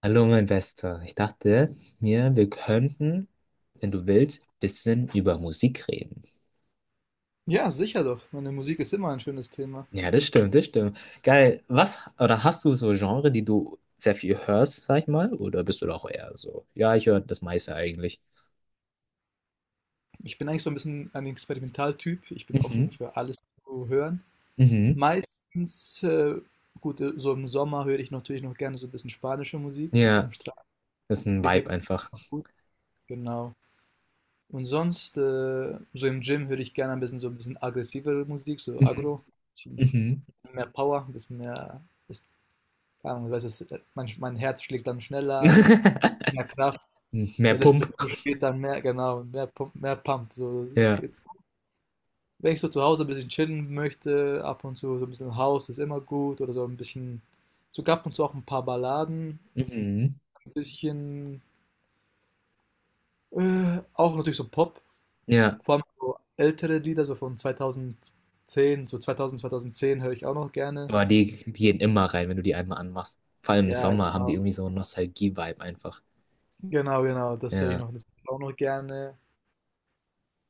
Hallo, mein Bester. Ich dachte mir, wir könnten, wenn du willst, ein bisschen über Musik reden. Ja, sicher doch. Meine Musik ist immer ein schönes Thema. Ja, das stimmt, das stimmt. Geil. Was, oder hast du so Genre, die du sehr viel hörst, sag ich mal? Oder bist du doch eher so? Ja, ich höre das meiste eigentlich. Ich bin eigentlich so ein bisschen ein Experimentaltyp. Ich bin offen Mhm. für alles zu hören. Mhm. Meistens, gut, so im Sommer höre ich natürlich noch gerne so ein bisschen spanische Musik. So Ja, am Strand, das ist ein Vibe Ägypten ist einfach. einfach gut. Genau. Und sonst, so im Gym höre ich gerne ein bisschen so ein bisschen aggressivere Musik, so Agro. Mhm. Ein bisschen Mhm. mehr Power, ein bisschen mehr, ist, keine Ahnung, weißt du, mein Herz schlägt dann schneller, mehr Kraft. Mehr Der letzte Pump. Push geht dann mehr, genau, mehr Pump, mehr Pump. So, Ja. jetzt, wenn ich so zu Hause ein bisschen chillen möchte, ab und zu so ein bisschen House ist immer gut oder so ein bisschen, sogar ab und zu auch ein paar Balladen, Mhm. ein bisschen, auch natürlich so Pop, Ja. vor allem so ältere Lieder, so von 2010, so 2000, 2010 höre ich auch noch gerne. Aber die gehen immer rein, wenn du die einmal anmachst. Vor allem im Ja, Sommer haben die genau. irgendwie so einen Nostalgie-Vibe einfach. Genau, genau, das höre ich Ja. noch, das höre ich auch noch gerne.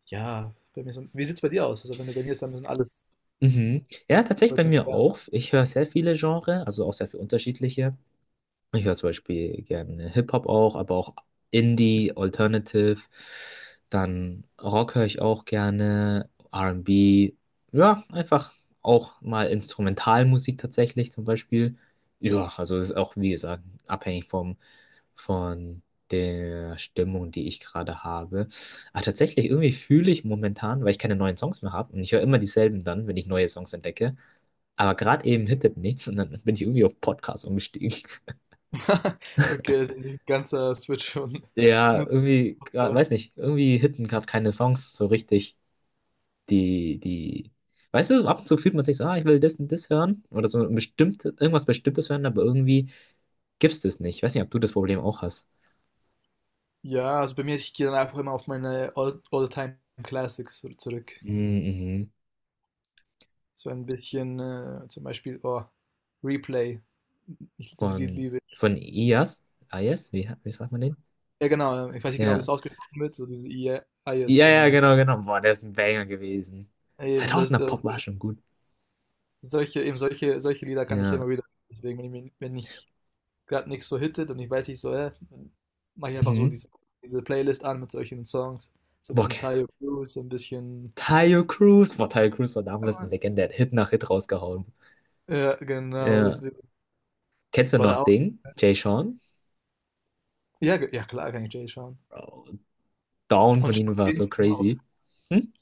Ja, bei mir so, wie sieht es bei dir aus? Also, wenn du bei mir ist, dann müssen alles. Mhm. Ja, tatsächlich bei mir auch. Ich höre sehr viele Genres, also auch sehr viele unterschiedliche. Ich höre zum Beispiel gerne Hip-Hop auch, aber auch Indie, Alternative. Dann Rock höre ich auch gerne, R&B. Ja, einfach auch mal Instrumentalmusik tatsächlich zum Beispiel. Ja, also es ist auch, wie gesagt, abhängig vom von der Stimmung, die ich gerade habe. Ah, tatsächlich, irgendwie fühle ich momentan, weil ich keine neuen Songs mehr habe und ich höre immer dieselben dann, wenn ich neue Songs entdecke. Aber gerade eben hittet nichts und dann bin ich irgendwie auf Podcast umgestiegen. Okay, das ist ein ganzer Switch von Ja, Musik zum irgendwie, weiß Podcast. nicht, irgendwie hitten gerade keine Songs so richtig, die, die, weißt du, so ab und zu fühlt man sich so, ah, ich will das und das hören oder so ein bestimmtes, irgendwas Bestimmtes hören, aber irgendwie gibt's das nicht. Ich weiß nicht, ob du das Problem auch hast. Ja, also bei mir, ich gehe dann einfach immer auf meine All-Time Classics so zurück. Mhm. So ein bisschen, zum Beispiel, oh, Replay. Ich, das Lied Von, liebe ich. von Ias? Ias? Wie sagt man den? Ja, genau, ich weiß nicht genau, wie Ja. das ausgesprochen wird, so diese I-I-S. Ja, ja, Genau. So. genau, genau. Boah, der ist ein Banger gewesen. Eben, das, 2000er Pop war schon gut. solche, eben solche, solche Lieder kann ich Ja. immer wieder, deswegen, wenn ich gerade nichts so hittet und ich weiß nicht so, dann mache ich einfach so Mhm. diese, diese Playlist an mit solchen Songs. So ein Boah, bisschen okay. Tayo Blues, so ein bisschen. Tayo Cruz. Boah, Tayo Cruz war damals eine Legende. Der hat Hit nach Hit rausgehauen. Ja, genau, Ja. deswegen. Kennst du noch Oder auch. Ding? Jay Sean? Ja, ja klar kann ich Jay schauen. Bro, Down Und von Sean ihnen war so Kingston auch. crazy. Hm?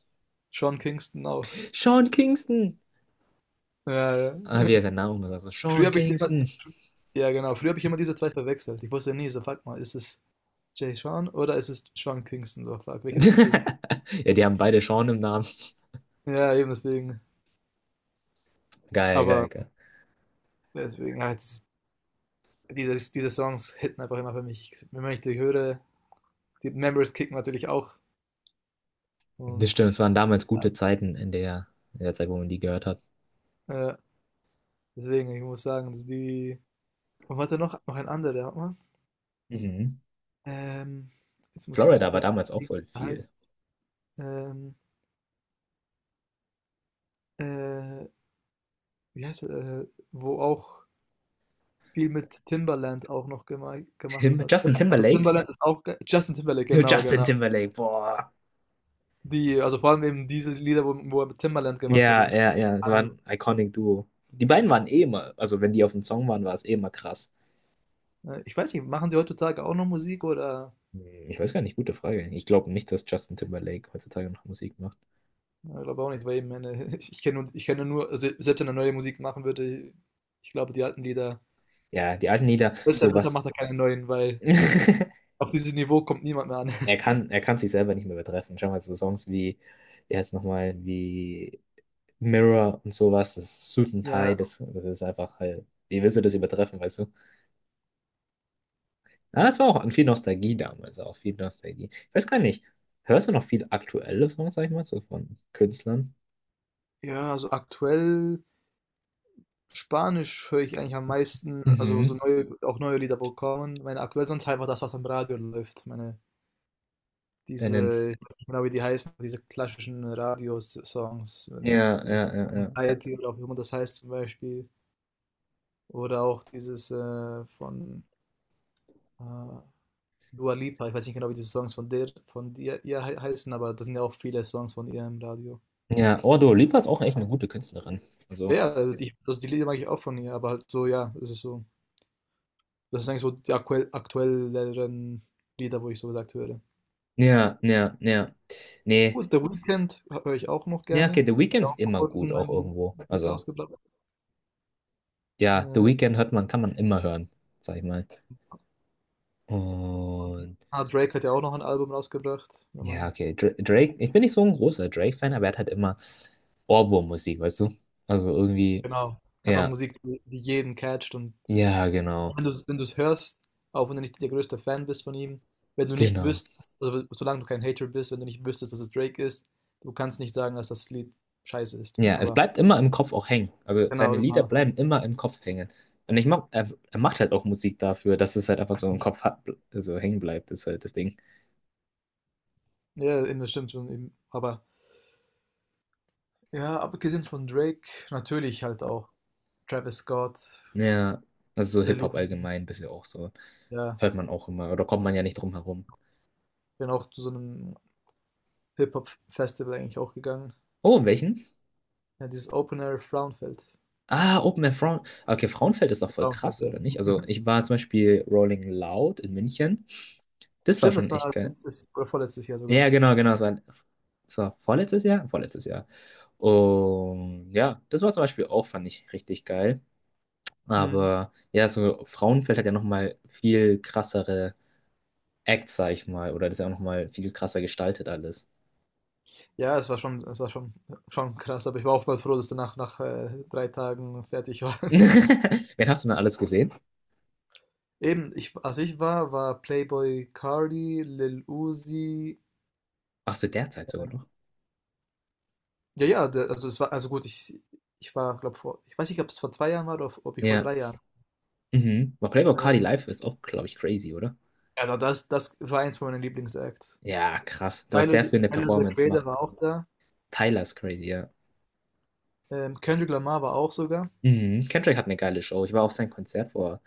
Sean Kingston auch. Sean Kingston. Ja, ja. Ah, wie er seinen Namen immer sagt. So, Früher Sean habe ich immer, Kingston. ja genau, früher habe ich immer diese zwei verwechselt. Ich wusste nie, so fuck mal, ist es Jay Sean oder ist es Sean Kingston? So fuck, welches Lied ist es? Ja, die haben beide Sean im Namen. Ja, eben deswegen. Geil, geil, Aber geil. deswegen, ja, dieses, diese Songs hitten einfach immer für mich. Wenn ich die höre, die Memories kicken natürlich auch. Das Und stimmt, es waren damals gute Zeiten in der Zeit, wo man die gehört hat. äh, deswegen, ich muss sagen, also die. Und warte noch, noch ein anderer, warte mal. Mhm. Ähm, jetzt muss ich kurz Florida war überlegen, damals auch wie voll der viel. heißt. Ähm, äh, wie heißt er? Wo auch viel mit Timbaland auch noch gemacht hat. Justin Also Timberlake? Timbaland ist auch Justin Timberlake, genau, Justin genau. Timberlake, boah. Die, also vor allem eben diese Lieder, wo, wo er mit Timbaland gemacht hat, die Ja, sind ja, ja, es war alle. ein iconic Duo. Die beiden waren eh immer, also wenn die auf dem Song waren, war es eh immer krass. Ich weiß nicht, machen die heutzutage auch noch Musik oder? Hm, Ich weiß gar nicht, gute Frage. Ich glaube nicht, dass Justin Timberlake heutzutage noch Musik macht. Ja, ich glaube auch nicht, weil ich meine, ich kenne nur, also selbst wenn er neue Musik machen würde, ich glaube, die alten Lieder, Ja, die alten Lieder, besser, besser sowas. macht er keine neuen, weil auf dieses Niveau kommt niemand mehr an. Er kann, er kann sich selber nicht mehr übertreffen. Schau mal, so Songs wie, wie heißt nochmal, wie Mirror und sowas, das Suit and Tie, Ja. das ist einfach halt, wie willst du das übertreffen, weißt du? Ah, es war auch an viel Nostalgie damals, auch viel Nostalgie. Ich weiß gar nicht, hörst du noch viel aktuelle Songs, sag ich mal, so von Künstlern? Ja, also aktuell Spanisch höre ich eigentlich am meisten, also Mhm. so neue, auch neue Lieder, wo kommen. Meine aktuell sonst einfach das, was am Radio läuft. Meine, Deinen. diese, ich weiß nicht genau, wie die heißen, diese klassischen Radiosongs, wenn Ja, dieses ja, ja, ja. Anxiety oder auch wie immer das heißt zum Beispiel. Oder auch dieses von äh, Dua Lipa, ich weiß nicht genau, wie diese Songs von der, von ihr, heißen, aber das sind ja auch viele Songs von ihr im Radio. Ja, oh, Dua Lipa ist auch echt eine gute Künstlerin. Also, Ja, also die Lieder mag ich auch von ihr, aber halt so, ja, es ist so. Das sind eigentlich so die aktuell, aktuelleren Lieder, wo ich so gesagt höre. ja, ja, ja. Nee, Gut, The Weeknd höre ich auch noch ja, okay, gerne. The Weeknd Hat auch ist vor immer kurzem gut, auch mein irgendwo. Beat Also, rausgebracht. ja, The Äh, Weeknd hört man, kann man immer hören, sag ich mal. Und Drake hat ja auch noch ein Album rausgebracht, wenn ja, man, okay. Drake, ich bin nicht so ein großer Drake-Fan, aber er hat halt immer Ohrwurm-Musik, weißt du? Also irgendwie, genau, einfach ja, Musik, die, die jeden catcht und ja, genau, wenn du's hörst, auch wenn du nicht der größte Fan bist von ihm, wenn du nicht genau. wüsstest, also solange du kein Hater bist, wenn du nicht wüsstest, dass es Drake ist, du kannst nicht sagen, dass das Lied scheiße ist. Ja, es Aber bleibt immer im Kopf auch hängen. Also genau, seine Lieder genau. bleiben immer im Kopf hängen. Und ich mag, er macht halt auch Musik dafür, dass es halt einfach so im Kopf hat, so hängen bleibt, ist halt das Ding. Ja, eben, das stimmt schon. Eben. Aber ja, abgesehen von Drake, natürlich halt auch Travis Scott, Ja, also so Lil Hip-Hop Uzi, allgemein, bisschen auch so. ja, Hört man auch immer, oder kommt man ja nicht drum herum. bin auch zu so einem Hip-Hop-Festival eigentlich auch gegangen. Oh, in welchen? Ja, dieses Open Air Frauenfeld. Ah, Open Air Frauen. Okay, Frauenfeld ist doch voll Frauenfeld, krass, ja. oder nicht? Also ich war zum Beispiel Rolling Loud in München. Das war Stimmt, das schon echt war geil. letztes oder vorletztes Jahr Ja, sogar. genau, genau. Es war vorletztes Jahr? Vorletztes Jahr. Und ja, das war zum Beispiel auch, fand ich richtig geil. Mhm. Aber ja, so Frauenfeld hat ja nochmal viel krassere Acts, sag ich mal. Oder das ist ja auch nochmal viel krasser gestaltet alles. Ja, es war schon, schon krass, aber ich war oftmals froh, dass danach nach 3 Tagen fertig war. Wen hast du denn alles gesehen? Eben, ich, als ich war, war Playboy Cardi, Lil Uzi. Ach so, derzeit sogar noch. Ja, ja, der, also es war, also gut, ich war, glaube vor, ich weiß nicht, ob es vor 2 Jahren war oder ob ich vor Ja. 3 Jahren. Mhm. Aber Playboy Carti Ähm, live ist auch, glaube ich, crazy, oder? ja, na, das, das war eins von meinen Lieblingsacts. Ja, krass. Was Tyler, der für eine Tyler the Performance Creator macht. war auch da. Tyler ist crazy, ja. Kendrick Lamar war auch sogar. Mhm. Kendrick hat eine geile Show. Ich war auf sein Konzert vor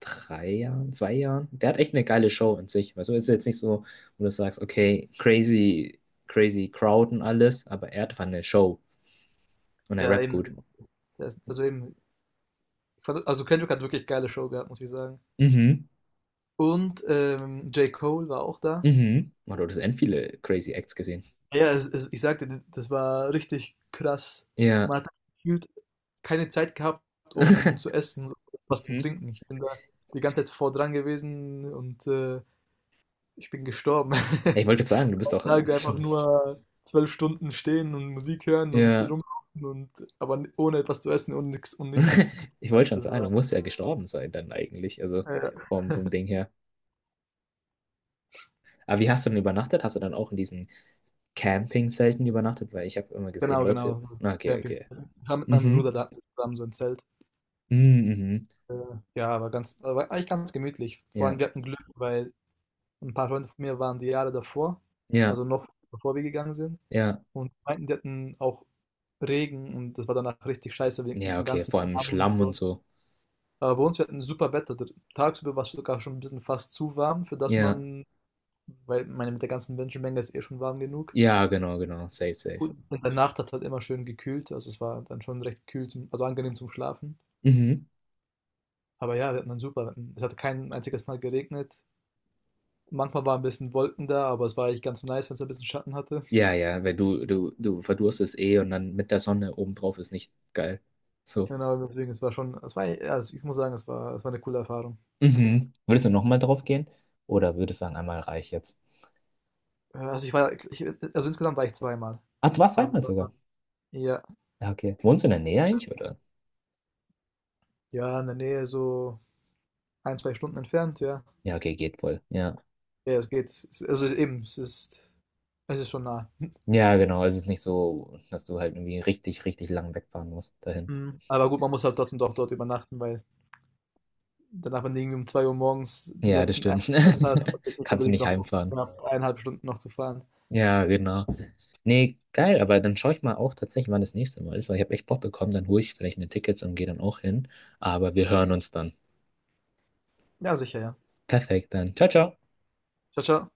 3 Jahren, 2 Jahren. Der hat echt eine geile Show an sich. Also ist jetzt nicht so, wo du sagst, okay, crazy, crazy Crowd und alles, aber er hat einfach eine Show und er Ja, rappt eben, gut. der ist- also eben, ich fand, also Kendrick hat wirklich geile Show gehabt, muss ich sagen. Mhm, Und J. Cole war auch da. mhm. Man, du hattest end viele crazy Acts gesehen. Ja, es, ich sagte, das war richtig krass. Ja. Man hat halt gefühlt keine Zeit gehabt, um zu essen, was zum Mhm. Trinken. Ich bin da die ganze Zeit vor dran gewesen und ich bin gestorben. Ich wollte jetzt sagen, du bist doch. Tage einfach nur 12 Stunden stehen und Musik hören und Ja, rumlaufen und aber ohne etwas zu essen und nichts zu trinken. ich wollte schon Das sagen, war, du musst ja gestorben sein dann eigentlich, also äh, vom Ding her. Aber wie hast du denn übernachtet? Hast du dann auch in diesen Campingzelten übernachtet? Weil ich habe immer gesehen, genau, Leute. genau. So Ah, okay, Camping. okay. Ich war mit meinem Mhm. Bruder da zusammen so ein Zelt. Mhm. Äh, ja, war ganz, war eigentlich ganz gemütlich. Vor allem Ja, wir hatten Glück, weil ein paar Freunde von mir waren die Jahre davor, ja, also noch bevor wir gegangen sind ja. und die meinten, die hatten auch Regen und das war danach richtig scheiße wegen Ja, dem okay, ganzen vor allem im Schlamm und Schlamm und so. so. Aber bei uns wir hatten super Wetter. D tagsüber war es sogar schon ein bisschen fast zu warm, für das Ja, man weil meine, mit der ganzen Menschenmenge ist eh schon warm genug. ja, genau, genau, safe, safe. Gut, in der Nacht hat's halt immer schön gekühlt, also es war dann schon recht kühl zum also angenehm zum Schlafen. Mhm. Aber ja, wir hatten dann super Wetten es hat kein einziges Mal geregnet. Manchmal war ein bisschen Wolken da, aber es war eigentlich ganz nice, wenn es ein bisschen Schatten hatte. Ja, ja, weil du verdurstest eh und dann mit der Sonne obendrauf ist nicht geil. So. Genau, deswegen, es war schon, es war, ja, also ich muss sagen, es war eine coole Erfahrung. Mhm. Würdest du nochmal drauf gehen? Oder würdest du sagen, einmal reich jetzt? Also ich war, ich, also insgesamt war ich zweimal. Ach, du warst Aber zweimal sogar. ja, Ja, okay. Wohnst du in der Nähe eigentlich, oder? ja, in der Nähe so 1, 2 Stunden entfernt, ja. Ja, okay, geht voll. Ja. Ja, es geht. Es- Also es ist eben, es ist schon nah. Ja, genau. Es ist nicht so, dass du halt irgendwie richtig, richtig lang wegfahren musst dahin. Mhm. Aber gut, man muss halt trotzdem doch dort übernachten, weil danach, wenn du irgendwie um 2 Uhr morgens den Ja, das letzten stimmt. Eintritt hast, hast du jetzt nicht Kannst du unbedingt nicht noch heimfahren. knapp 1,5 Stunden noch zu fahren. Ja, Das, genau. Nee, geil, aber dann schaue ich mal auch tatsächlich, wann das nächste Mal ist, weil ich habe echt Bock bekommen, dann hole ich vielleicht mir Tickets und gehe dann auch hin. Aber wir hören uns dann. ja, sicher, ja. Perfekt, dann. Ciao, ciao. Ciao, ciao.